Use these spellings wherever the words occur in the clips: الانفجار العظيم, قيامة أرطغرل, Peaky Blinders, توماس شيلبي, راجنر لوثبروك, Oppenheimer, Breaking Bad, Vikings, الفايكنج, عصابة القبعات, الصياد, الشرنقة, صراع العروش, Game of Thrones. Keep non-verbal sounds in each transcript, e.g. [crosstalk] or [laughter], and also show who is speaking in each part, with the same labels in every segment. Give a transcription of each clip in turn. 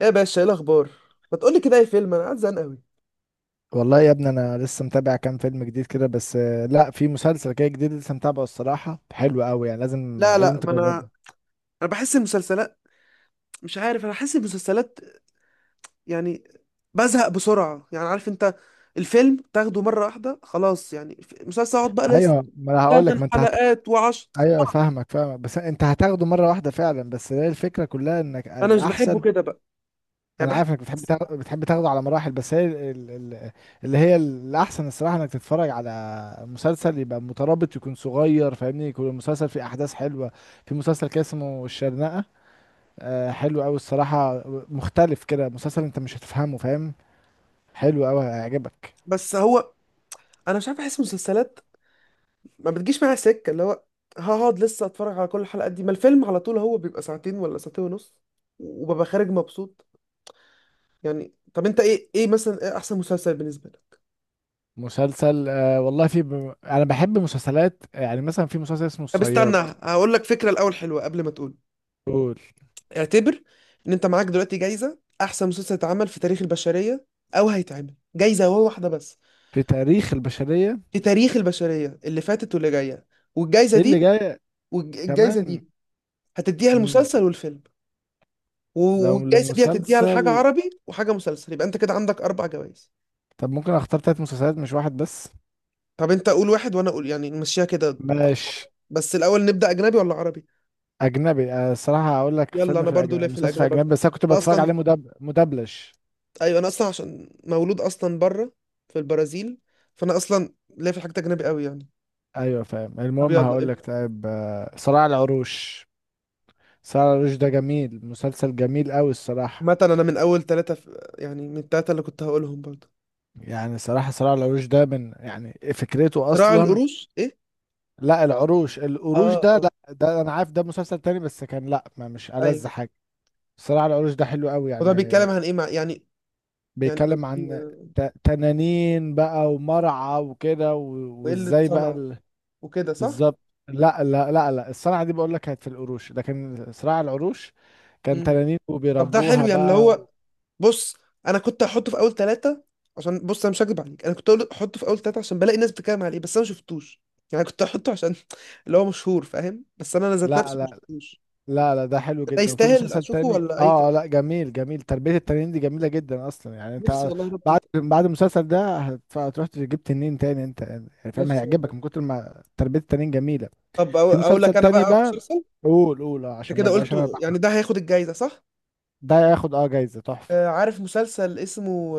Speaker 1: ايه يا باشا، ايه الاخبار؟ ما تقولي كده اي فيلم، انا قاعد زهقان قوي.
Speaker 2: والله يا ابني انا لسه متابع كام فيلم جديد كده بس لا في مسلسل كده جديد لسه متابعه الصراحه حلو قوي يعني لازم
Speaker 1: لا
Speaker 2: لازم
Speaker 1: لا، ما
Speaker 2: تجربه.
Speaker 1: انا بحس المسلسلات، مش عارف. انا بحس المسلسلات يعني بزهق بسرعه، يعني عارف انت. الفيلم تاخده مره واحده خلاص، يعني مسلسل اقعد بقى لسه
Speaker 2: ايوه ما انا هقول لك
Speaker 1: ثمان
Speaker 2: ما انت
Speaker 1: حلقات وعشر.
Speaker 2: ايوه فاهمك فاهمك بس انت هتاخده مره واحده فعلا، بس هي الفكره كلها انك
Speaker 1: انا مش بحبه
Speaker 2: الاحسن.
Speaker 1: كده بقى، يعني
Speaker 2: انا
Speaker 1: بحب
Speaker 2: عارف انك بتحب
Speaker 1: القصة دي.
Speaker 2: بتحب تاخده على مراحل، بس هي ال... ال... اللي هي الاحسن الصراحه انك تتفرج على مسلسل يبقى مترابط، يكون صغير فاهمني، يكون المسلسل فيه احداث حلوه. في مسلسل كده اسمه الشرنقه، حلو قوي الصراحة. مختلف كده مسلسل، انت مش هتفهمه فاهم، حلو قوي هيعجبك.
Speaker 1: بس هو انا مش عارف، احس المسلسلات ما بتجيش معايا سكه، اللي هو هقعد لسه اتفرج على كل الحلقات دي؟ ما الفيلم على طول هو بيبقى ساعتين ولا ساعتين ونص، وببقى خارج مبسوط. يعني طب انت ايه مثلا، ايه احسن مسلسل بالنسبه لك؟
Speaker 2: مسلسل والله في انا بحب مسلسلات يعني، مثلا في مسلسل اسمه
Speaker 1: طب استنى،
Speaker 2: الصياد.
Speaker 1: هقول لك فكره الاول حلوه قبل ما تقول.
Speaker 2: قول.
Speaker 1: اعتبر ان انت معاك دلوقتي جايزه احسن مسلسل اتعمل في تاريخ البشريه، او هيتعمل. جايزه هو واحده بس،
Speaker 2: في تاريخ البشرية.
Speaker 1: في تاريخ البشريه اللي فاتت واللي جايه. والجايزه
Speaker 2: ايه اللي
Speaker 1: دي
Speaker 2: جاي؟
Speaker 1: والجايزه
Speaker 2: كمان.
Speaker 1: دي هتديها
Speaker 2: مم.
Speaker 1: المسلسل والفيلم.
Speaker 2: لو
Speaker 1: والجايزه دي هتديها لحاجه
Speaker 2: لمسلسل.
Speaker 1: عربي وحاجه مسلسل، يبقى انت كده عندك اربع جوائز.
Speaker 2: طب ممكن اختار 3 مسلسلات مش واحد بس.
Speaker 1: طب انت قول واحد وانا اقول، يعني نمشيها كده واحدة.
Speaker 2: ماشي.
Speaker 1: بس الاول نبدا اجنبي ولا عربي؟
Speaker 2: اجنبي الصراحة هقول لك
Speaker 1: يلا.
Speaker 2: فيلم،
Speaker 1: انا
Speaker 2: في
Speaker 1: برضو ليه
Speaker 2: الاجنبي
Speaker 1: في
Speaker 2: مسلسل، في
Speaker 1: الاجنبي
Speaker 2: اجنبي،
Speaker 1: أكتر،
Speaker 2: بس انا كنت
Speaker 1: انا
Speaker 2: بتفرج
Speaker 1: اصلا.
Speaker 2: عليه مدبلج.
Speaker 1: ايوه، انا اصلا عشان مولود اصلا بره، في البرازيل، فانا اصلا ليا في الحاجات اجنبي قوي يعني.
Speaker 2: ايوه فاهم.
Speaker 1: طب
Speaker 2: المهم
Speaker 1: يلا
Speaker 2: هقول
Speaker 1: ابدا.
Speaker 2: لك طيب، صراع العروش. سارة العروش ده جميل، مسلسل جميل قوي الصراحة.
Speaker 1: عامة انا من اول ثلاثة في، يعني من الثلاثة اللي كنت هقولهم برضه.
Speaker 2: يعني صراحة سارة العروش ده من يعني فكرته
Speaker 1: صراع
Speaker 2: أصلا.
Speaker 1: القروش؟ ايه؟
Speaker 2: لا، العروش القروش
Speaker 1: اه
Speaker 2: ده
Speaker 1: اه،
Speaker 2: لا، ده أنا عارف ده مسلسل تاني بس كان، لا ما مش ألذ
Speaker 1: ايوه.
Speaker 2: حاجة. صراحة العروش ده حلو قوي
Speaker 1: وده
Speaker 2: يعني.
Speaker 1: بيتكلم عن ايه مع يعني، يعني
Speaker 2: بيتكلم
Speaker 1: أوكي،
Speaker 2: عن تنانين بقى ومرعى وكده
Speaker 1: وقلة
Speaker 2: وإزاي بقى
Speaker 1: صنع وكده صح.
Speaker 2: بالظبط. لا لا لا لا، الصنعة دي بقول لك كانت في القروش، لكن صراع العروش كان
Speaker 1: مم.
Speaker 2: تنانين
Speaker 1: طب ده حلو
Speaker 2: وبيربوها
Speaker 1: يعني، اللي
Speaker 2: بقى
Speaker 1: هو بص، انا كنت هحطه في اول ثلاثة، عشان بص، انا مش هكدب عليك، انا كنت احطه في اول ثلاثة عشان بلاقي ناس بتتكلم عليه، بس انا ما شفتوش. يعني كنت احطه عشان [laughs] اللي هو مشهور، فاهم؟ بس انا ذات
Speaker 2: لا
Speaker 1: نفسي ما
Speaker 2: لا
Speaker 1: شفتوش.
Speaker 2: لا لا ده حلو
Speaker 1: ده
Speaker 2: جدا، وفي
Speaker 1: يستاهل
Speaker 2: مسلسل
Speaker 1: اشوفه
Speaker 2: تاني،
Speaker 1: ولا اي كلام؟
Speaker 2: لا جميل جميل، تربية التنين دي جميلة جدا اصلا يعني
Speaker 1: نفسي
Speaker 2: انت.
Speaker 1: والله يا ربي،
Speaker 2: بعد المسلسل ده هتروح تجيب تنين تاني انت، يعني فاهم،
Speaker 1: نفسي والله.
Speaker 2: هيعجبك من كتر ما تربية التنين جميلة.
Speaker 1: طب
Speaker 2: في
Speaker 1: اقول
Speaker 2: مسلسل
Speaker 1: لك انا
Speaker 2: تاني
Speaker 1: بقى
Speaker 2: بقى.
Speaker 1: مسلسل.
Speaker 2: قول قول،
Speaker 1: انت
Speaker 2: عشان ما
Speaker 1: كده قلت،
Speaker 2: بقاش انا
Speaker 1: يعني ده هياخد الجايزه صح؟
Speaker 2: ده ياخد جايزة تحفة.
Speaker 1: آه، عارف مسلسل اسمه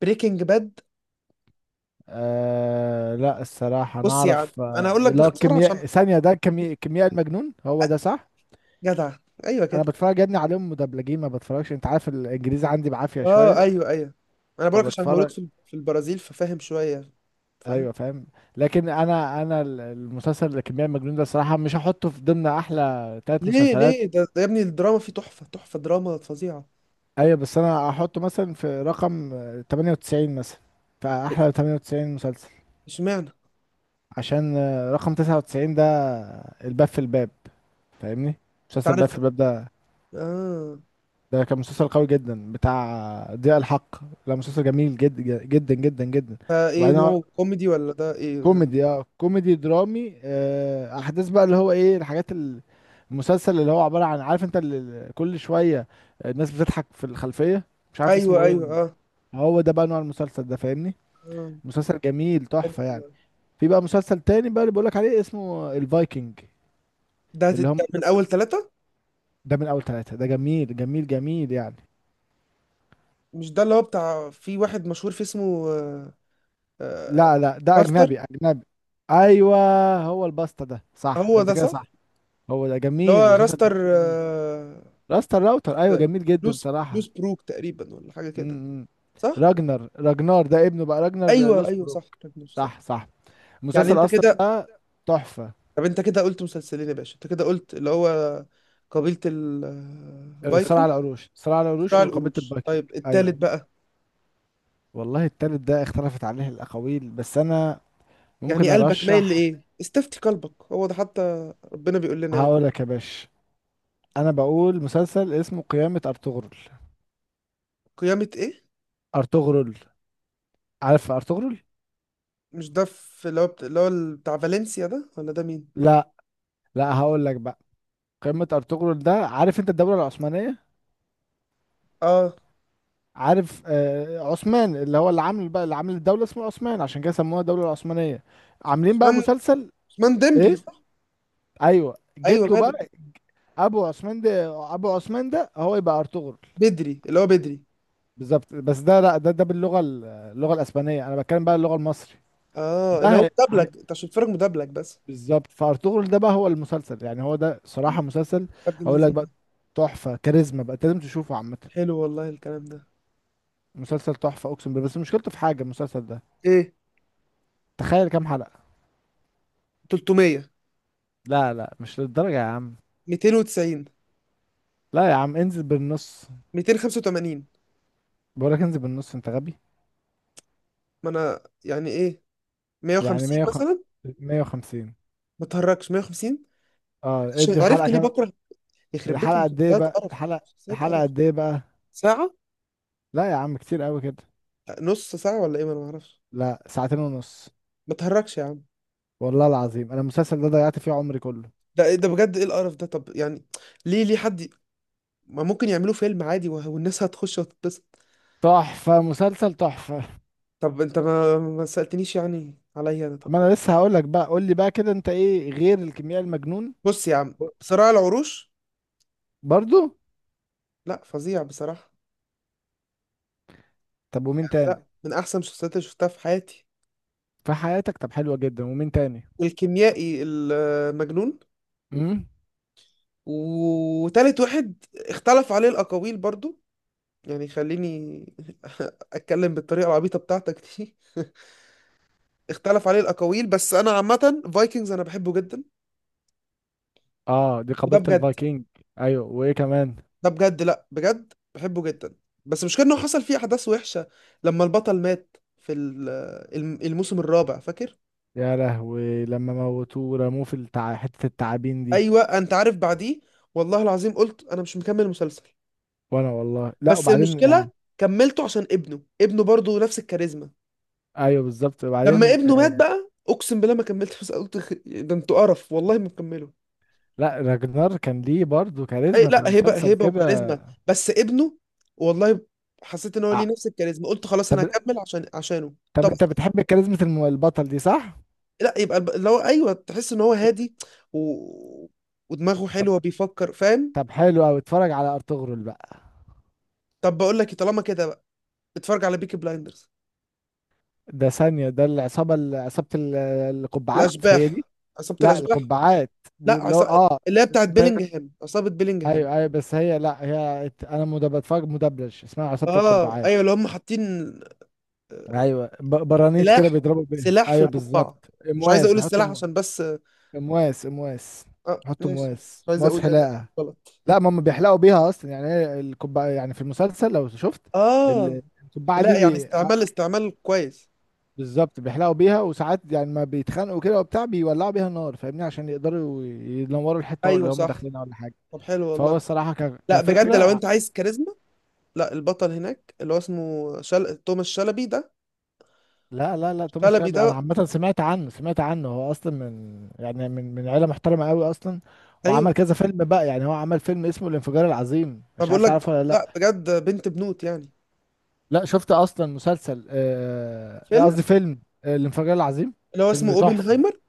Speaker 1: بريكنج باد؟
Speaker 2: لا الصراحة انا
Speaker 1: بص يا عم،
Speaker 2: اعرف،
Speaker 1: انا هقول لك
Speaker 2: اللي هو
Speaker 1: باختصار عشان.
Speaker 2: الكيمياء ثانية، ده كيمياء المجنون، هو ده صح.
Speaker 1: جدع! ايوه
Speaker 2: انا
Speaker 1: كده.
Speaker 2: بتفرج يا ابني عليهم مدبلجين، ما بتفرجش، انت عارف الانجليزي عندي بعافية
Speaker 1: اه،
Speaker 2: شوية.
Speaker 1: ايوه ايوه. انا بقولك عشان مولود
Speaker 2: فبتفرج.
Speaker 1: في البرازيل ففاهم شويه، فاهم؟
Speaker 2: ايوه فاهم. لكن انا المسلسل الكمية المجنون ده الصراحه مش هحطه في ضمن احلى ثلاث
Speaker 1: ليه
Speaker 2: مسلسلات
Speaker 1: ليه ده يا ابني الدراما فيه تحفه تحفه، دراما فظيعه.
Speaker 2: ايوه بس انا هحطه مثلا في رقم، 98 مثلا، في احلى 98 مسلسل،
Speaker 1: اشمعنى؟
Speaker 2: عشان رقم 99 ده الباب في الباب، فاهمني، مسلسل باب
Speaker 1: تعرف.
Speaker 2: في الباب ده.
Speaker 1: اه.
Speaker 2: ده كان مسلسل قوي جدا بتاع ضياء الحق. لا مسلسل جميل جدا جدا جدا جدا.
Speaker 1: ده ايه
Speaker 2: وبعدين
Speaker 1: نوعه، كوميدي ولا ده ايه ده؟
Speaker 2: كوميدي، كوميدي درامي، احداث بقى اللي هو ايه الحاجات المسلسل اللي هو عبارة عن، عارف انت، اللي كل شوية الناس بتضحك في الخلفية، مش عارف
Speaker 1: ايوه
Speaker 2: اسمه ايه.
Speaker 1: ايوه، اه،
Speaker 2: هو ده بقى نوع المسلسل ده فاهمني.
Speaker 1: آه،
Speaker 2: مسلسل جميل
Speaker 1: حلو
Speaker 2: تحفة يعني.
Speaker 1: والله.
Speaker 2: في بقى مسلسل تاني بقى اللي بقولك عليه، اسمه الفايكنج،
Speaker 1: ده
Speaker 2: اللي هم
Speaker 1: ده من
Speaker 2: الناس.
Speaker 1: اول ثلاثة.
Speaker 2: ده من اول ثلاثة، ده جميل جميل جميل يعني.
Speaker 1: مش ده اللي هو بتاع في واحد مشهور فيه اسمه آه،
Speaker 2: لا لا، ده
Speaker 1: راستر؟
Speaker 2: اجنبي اجنبي. ايوه هو الباستا ده صح،
Speaker 1: هو
Speaker 2: انت
Speaker 1: ده
Speaker 2: كده
Speaker 1: صح.
Speaker 2: صح. هو ده
Speaker 1: اللي
Speaker 2: جميل،
Speaker 1: هو
Speaker 2: مسلسل
Speaker 1: راستر،
Speaker 2: جميل أوي. راستا الراوتر، ايوه جميل جدا
Speaker 1: لوس
Speaker 2: صراحة.
Speaker 1: لوس بروك تقريبا ولا حاجة كده.
Speaker 2: امم.
Speaker 1: صح.
Speaker 2: راجنر راجنار ده ابنه بقى، راجنر
Speaker 1: ايوه ايوه
Speaker 2: لوسبروك.
Speaker 1: صح، راجنر صح.
Speaker 2: صح صح.
Speaker 1: يعني
Speaker 2: المسلسل
Speaker 1: انت
Speaker 2: اصلا
Speaker 1: كده،
Speaker 2: ده تحفه.
Speaker 1: طب انت كده قلت مسلسلين يا باشا، انت كده قلت اللي هو قبيلة الفايكنج،
Speaker 2: الصراع على العروش
Speaker 1: صراع
Speaker 2: وقبيله
Speaker 1: القروش،
Speaker 2: البايكنج.
Speaker 1: طيب التالت
Speaker 2: ايوه
Speaker 1: بقى.
Speaker 2: والله التالت ده اختلفت عليه الاقاويل، بس انا ممكن
Speaker 1: يعني قلبك مايل
Speaker 2: ارشح.
Speaker 1: لايه؟ استفتي قلبك، هو ده حتى ربنا بيقول لنا يعني.
Speaker 2: هقول لك يا باشا، انا بقول مسلسل اسمه قيامه ارطغرل.
Speaker 1: قيامة ايه؟
Speaker 2: ارطغرل، عارف ارطغرل.
Speaker 1: مش ده في اللي هو اللي هو بتاع فالنسيا ده، ولا ده مين؟
Speaker 2: لا لا، هقول لك بقى، قيامه ارطغرل ده، عارف انت الدوله العثمانيه،
Speaker 1: اه،
Speaker 2: عارف، عثمان اللي هو اللي عامل الدولة اسمه عثمان، عشان كده سموها الدولة العثمانية، عاملين بقى
Speaker 1: عثمان.
Speaker 2: مسلسل.
Speaker 1: عثمان ديمبلي
Speaker 2: ايه.
Speaker 1: صح؟
Speaker 2: ايوه
Speaker 1: ايوه
Speaker 2: جده بقى.
Speaker 1: ماله.
Speaker 2: ابو عثمان ده هو يبقى ارطغرل.
Speaker 1: بدري اللي هو بدري.
Speaker 2: بالظبط، بس ده لا، ده باللغة اللغة الاسبانية، انا بتكلم بقى اللغة المصري.
Speaker 1: اه، اللي
Speaker 2: ده
Speaker 1: هو مدبلج انت عشان تتفرج مدبلج بس.
Speaker 2: بالظبط، فارطغرل ده بقى هو المسلسل يعني، هو ده صراحة مسلسل،
Speaker 1: عبد
Speaker 2: اقول لك
Speaker 1: اللذيذ.
Speaker 2: بقى، تحفة كاريزما بقى، أنت لازم تشوفه عامة.
Speaker 1: حلو والله الكلام ده.
Speaker 2: مسلسل تحفة اقسم بالله، بس مشكلته في حاجة، المسلسل ده
Speaker 1: ايه،
Speaker 2: تخيل كام حلقة.
Speaker 1: 300؟
Speaker 2: لا لا مش للدرجة يا عم.
Speaker 1: 290؟
Speaker 2: لا يا عم انزل بالنص.
Speaker 1: 285؟
Speaker 2: بقولك انزل بالنص انت غبي.
Speaker 1: ما انا يعني ايه،
Speaker 2: يعني
Speaker 1: 150
Speaker 2: 100
Speaker 1: مثلا.
Speaker 2: 150.
Speaker 1: ما تهركش، 150؟
Speaker 2: اه
Speaker 1: عشان
Speaker 2: ادي
Speaker 1: عرفت
Speaker 2: الحلقة
Speaker 1: ليه
Speaker 2: كام.
Speaker 1: بكره يخرب بيت
Speaker 2: الحلقة قد ايه
Speaker 1: المسلسلات
Speaker 2: بقى
Speaker 1: قرف،
Speaker 2: الحلقة.
Speaker 1: مسلسلات
Speaker 2: الحلقة
Speaker 1: قرف.
Speaker 2: قد ايه بقى.
Speaker 1: ساعة؟
Speaker 2: لا يا عم كتير قوي كده.
Speaker 1: نص ساعة ولا ايه؟ ما انا ما اعرفش.
Speaker 2: لا ساعتين ونص.
Speaker 1: ما تهركش يا عم.
Speaker 2: والله العظيم انا المسلسل ده ضيعت فيه عمري كله.
Speaker 1: ده ايه ده بجد؟ ايه القرف ده طب يعني؟ ليه ليه حد ما ممكن يعملوا فيلم عادي والناس هتخش وتتبسط؟
Speaker 2: تحفة، مسلسل تحفة.
Speaker 1: طب انت ما سألتنيش يعني عليا انا. طب
Speaker 2: ما انا لسه هقولك بقى، قول لي بقى كده، انت ايه غير الكيمياء المجنون؟
Speaker 1: بص يا عم،
Speaker 2: ب-
Speaker 1: صراع العروش.
Speaker 2: برضو.
Speaker 1: لا، فظيع بصراحة.
Speaker 2: طب ومين
Speaker 1: لا،
Speaker 2: تاني؟
Speaker 1: من احسن المسلسلات اللي شفتها في حياتي.
Speaker 2: في حياتك، طب حلوة جدا، ومين تاني؟
Speaker 1: والكيميائي المجنون.
Speaker 2: امم.
Speaker 1: وتالت واحد اختلف عليه الاقاويل برضو، يعني خليني [laughs] اتكلم بالطريقة العبيطة بتاعتك دي. [laughs] اختلف عليه الاقاويل، بس انا عامة فايكنجز انا بحبه جدا،
Speaker 2: اه دي
Speaker 1: وده
Speaker 2: قبيلة
Speaker 1: بجد،
Speaker 2: الفايكنج. ايوه وايه كمان؟
Speaker 1: ده بجد، لا بجد بحبه جدا. بس مش انه حصل فيه احداث وحشه، لما البطل مات في الموسم الرابع، فاكر؟
Speaker 2: يا لهوي، لما موتوه ورموه في حتة التعابين دي.
Speaker 1: ايوه، انت عارف بعديه، والله العظيم قلت انا مش مكمل المسلسل.
Speaker 2: وانا والله لا،
Speaker 1: بس
Speaker 2: وبعدين يعني.
Speaker 1: المشكله كملته عشان ابنه برضه نفس الكاريزما.
Speaker 2: ايوه بالظبط،
Speaker 1: لما
Speaker 2: وبعدين
Speaker 1: ابنه مات بقى اقسم بالله ما كملت، بس قلت [laughs] ده انتوا قرف والله، ما مكمله.
Speaker 2: لا راجنر كان ليه برضه
Speaker 1: اي
Speaker 2: كاريزما في
Speaker 1: لا، هبه
Speaker 2: المسلسل
Speaker 1: هبه
Speaker 2: كده.
Speaker 1: وكاريزما، بس ابنه والله حسيت ان هو
Speaker 2: ع-
Speaker 1: ليه نفس الكاريزما، قلت خلاص
Speaker 2: طب،
Speaker 1: انا هكمل عشانه.
Speaker 2: طب
Speaker 1: طب
Speaker 2: انت بتحب كاريزما البطل دي صح؟
Speaker 1: لا يبقى اللي هو، ايوه، تحس ان هو هادي، و... ودماغه
Speaker 2: طب،
Speaker 1: حلوه بيفكر، فاهم؟
Speaker 2: طب حلو قوي، اتفرج على ارطغرل بقى.
Speaker 1: طب بقول لك إيه، طالما كده بقى اتفرج على بيكي بلايندرز.
Speaker 2: ده ثانية، ده عصابة القبعات هي
Speaker 1: الاشباح،
Speaker 2: دي؟
Speaker 1: عصابه
Speaker 2: لا
Speaker 1: الاشباح.
Speaker 2: القبعات. دي
Speaker 1: لا،
Speaker 2: اللي هو
Speaker 1: عصابة اللي هي بتاعت
Speaker 2: ده...
Speaker 1: بيلينجهام، عصابه بيلينجهام.
Speaker 2: ايوه ايوه، بس هي لا انا بتفرج مدبلج، اسمها عصابة
Speaker 1: اه
Speaker 2: القبعات.
Speaker 1: ايوه، اللي هم حاطين آه،
Speaker 2: ايوه برانيت كده
Speaker 1: سلاح،
Speaker 2: بيضربوا بيه،
Speaker 1: سلاح في
Speaker 2: ايوه بالظبط.
Speaker 1: القبعه. مش عايز
Speaker 2: امواس
Speaker 1: اقول
Speaker 2: بيحطوا
Speaker 1: السلاح عشان، بس اه.
Speaker 2: امواس امواس.
Speaker 1: آه،
Speaker 2: بيحطوا
Speaker 1: ماشي. مش عايز
Speaker 2: امواس
Speaker 1: اقول يعني
Speaker 2: حلاقه.
Speaker 1: غلط.
Speaker 2: لا ما هم بيحلقوا بيها اصلا يعني، هي الكوبايه يعني في المسلسل لو شفت
Speaker 1: اه
Speaker 2: الكوبايه
Speaker 1: لا
Speaker 2: دي
Speaker 1: يعني، استعمال كويس.
Speaker 2: بالظبط، بيحلقوا بيها، وساعات يعني ما بيتخانقوا كده وبتاع، بيولعوا بيها النار فاهمني، عشان يقدروا ينوروا الحته
Speaker 1: ايوه
Speaker 2: اللي هم
Speaker 1: صح.
Speaker 2: داخلينها ولا حاجه.
Speaker 1: طب حلو والله.
Speaker 2: فهو الصراحه
Speaker 1: لا بجد لو
Speaker 2: كفكره.
Speaker 1: انت عايز كاريزما، لا البطل هناك اللي هو اسمه توماس شلبي ده،
Speaker 2: لا لا لا توماس
Speaker 1: شلبي
Speaker 2: شلبي، انا
Speaker 1: ده.
Speaker 2: عامه سمعت عنه سمعت عنه، هو اصلا من، يعني، من عيله محترمه قوي اصلا.
Speaker 1: ايوه
Speaker 2: وعمل كذا فيلم بقى، يعني هو عمل فيلم اسمه الانفجار العظيم،
Speaker 1: انا
Speaker 2: مش
Speaker 1: بقول
Speaker 2: عارف
Speaker 1: لك،
Speaker 2: تعرفه ولا لا.
Speaker 1: لا بجد بنت بنوت يعني.
Speaker 2: لا شفت اصلا مسلسل،
Speaker 1: فيلم
Speaker 2: قصدي فيلم، الانفجار العظيم.
Speaker 1: اللي هو اسمه
Speaker 2: فيلم تحفه.
Speaker 1: اوبنهايمر.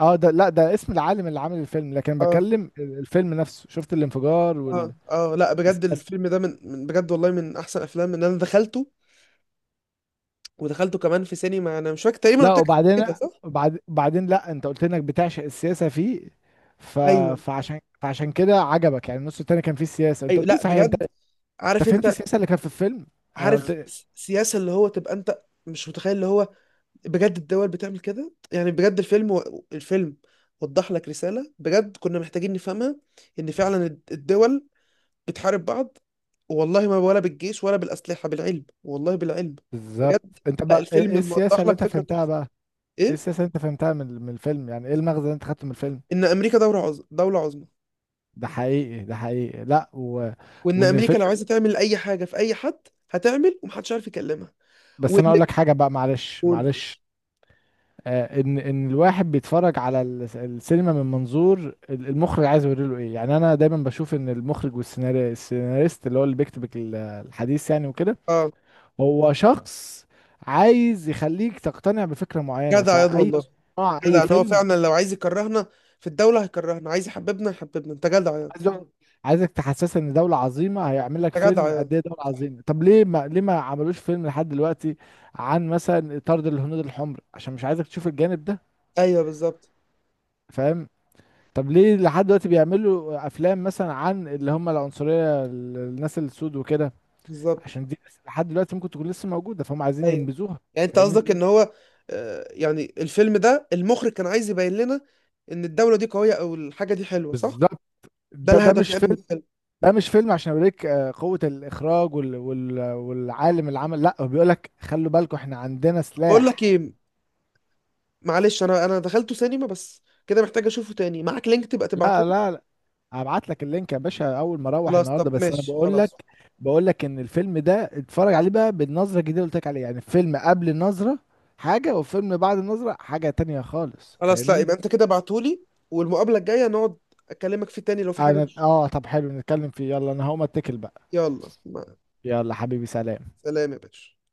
Speaker 2: اه ده لا، ده اسم العالم اللي عامل الفيلم، لكن
Speaker 1: اه،
Speaker 2: بكلم الفيلم نفسه، شفت الانفجار
Speaker 1: اه
Speaker 2: وال.
Speaker 1: اه، لا بجد الفيلم ده من بجد والله من احسن افلام ان انا دخلته، ودخلته كمان في سينما، انا مش فاكر تقريبا
Speaker 2: لا
Speaker 1: قلت لك قبل
Speaker 2: وبعدين،
Speaker 1: كده صح.
Speaker 2: بعدين لا انت قلت انك بتعشق السياسه فيه. ف...
Speaker 1: ايوه
Speaker 2: فعشان كده عجبك يعني، النص التاني كان فيه السياسه، انت
Speaker 1: ايوه،
Speaker 2: قلت لي،
Speaker 1: لا
Speaker 2: صحيح انت؟
Speaker 1: بجد. عارف
Speaker 2: انت فهمت
Speaker 1: انت،
Speaker 2: السياسه اللي كانت في الفيلم. انا
Speaker 1: عارف
Speaker 2: قلت.
Speaker 1: السياسه اللي هو تبقى انت مش متخيل اللي هو، بجد الدول بتعمل كده. يعني بجد الفيلم الفيلم وضح لك رسالة بجد كنا محتاجين نفهمها، ان فعلا الدول بتحارب بعض، والله، ما ولا بالجيش ولا بالأسلحة، بالعلم والله، بالعلم.
Speaker 2: بالظبط.
Speaker 1: بجد،
Speaker 2: انت
Speaker 1: لا
Speaker 2: بقى ايه
Speaker 1: الفيلم
Speaker 2: السياسه
Speaker 1: موضح
Speaker 2: اللي
Speaker 1: لك
Speaker 2: انت
Speaker 1: فكرة
Speaker 2: فهمتها
Speaker 1: تحفة.
Speaker 2: بقى؟ ايه السياسه
Speaker 1: ايه،
Speaker 2: اللي انت فهمتها من الفيلم، يعني ايه المغزى اللي انت خدته من الفيلم؟
Speaker 1: ان امريكا دولة عظمى، دولة عظمى،
Speaker 2: ده حقيقي ده حقيقي، لا
Speaker 1: وان
Speaker 2: وان
Speaker 1: امريكا
Speaker 2: الفيلم.
Speaker 1: لو عايزة تعمل اي حاجة في اي حد هتعمل، ومحدش عارف يكلمها.
Speaker 2: بس
Speaker 1: وان
Speaker 2: انا اقول لك حاجه بقى، معلش
Speaker 1: تقول،
Speaker 2: معلش، ان الواحد بيتفرج على السينما من منظور المخرج، عايز يوري له ايه، يعني انا دايما بشوف ان المخرج والسيناري السيناريست اللي هو اللي بيكتب الحديث يعني وكده،
Speaker 1: اه.
Speaker 2: هو شخص عايز يخليك تقتنع بفكرة معينة،
Speaker 1: جدع ياض
Speaker 2: فاي
Speaker 1: والله!
Speaker 2: صناعة اي
Speaker 1: جدع، ان هو
Speaker 2: فيلم.
Speaker 1: فعلا لو عايز يكرهنا في الدولة هيكرهنا، عايز يحببنا يحببنا. انت جدع ياض.
Speaker 2: عايز يقعد- عايزك تحسسك ان دولة عظيمة، هيعمل لك
Speaker 1: انت جدع
Speaker 2: فيلم
Speaker 1: ياض.
Speaker 2: قد ايه دولة عظيمة، طب ليه، ما عملوش فيلم لحد دلوقتي عن مثلا طرد الهنود الحمر، عشان مش عايزك تشوف الجانب ده،
Speaker 1: ايوه بالظبط.
Speaker 2: فاهم؟ طب ليه لحد دلوقتي بيعملوا افلام مثلا عن، اللي هم العنصريه، الناس السود وكده،
Speaker 1: بالظبط
Speaker 2: عشان دي لحد دلوقتي ممكن تكون لسه موجوده، فهم عايزين
Speaker 1: ايوه.
Speaker 2: ينبذوها،
Speaker 1: يعني انت
Speaker 2: فاهمني.
Speaker 1: قصدك ان هو يعني الفيلم ده المخرج كان عايز يبين لنا ان الدولة دي قوية، او الحاجة دي حلوة صح؟
Speaker 2: بالظبط.
Speaker 1: ده
Speaker 2: ده
Speaker 1: الهدف
Speaker 2: مش
Speaker 1: يعني من
Speaker 2: فيلم،
Speaker 1: الفيلم.
Speaker 2: ده مش فيلم عشان اوريك، قوه الاخراج والعالم اللي عمل، لا هو بيقول لك خلوا بالكم احنا عندنا
Speaker 1: بقول لك
Speaker 2: سلاح.
Speaker 1: ايه، معلش، انا دخلته سينما، بس كده محتاج اشوفه تاني، معاك لينك تبقى تبعته
Speaker 2: لا
Speaker 1: لي.
Speaker 2: لا، هبعت لك اللينك يا باشا اول ما اروح
Speaker 1: خلاص
Speaker 2: النهارده،
Speaker 1: طب
Speaker 2: بس انا
Speaker 1: ماشي
Speaker 2: بقول لك،
Speaker 1: خلاص.
Speaker 2: بقول لك ان الفيلم ده اتفرج عليه بقى بالنظره الجديده اللي قلت لك عليها، يعني الفيلم قبل النظره حاجه، والفيلم بعد النظره حاجه تانية خالص
Speaker 1: خلاص، لا
Speaker 2: فاهمني.
Speaker 1: يبقى انت كده بعتولي، والمقابلة الجاية نقعد اكلمك فيه تاني لو في حاجة
Speaker 2: انا طب حلو، نتكلم فيه، يلا انا هقوم اتكل بقى.
Speaker 1: يلا
Speaker 2: يلا حبيبي سلام.
Speaker 1: سلام يا باشا.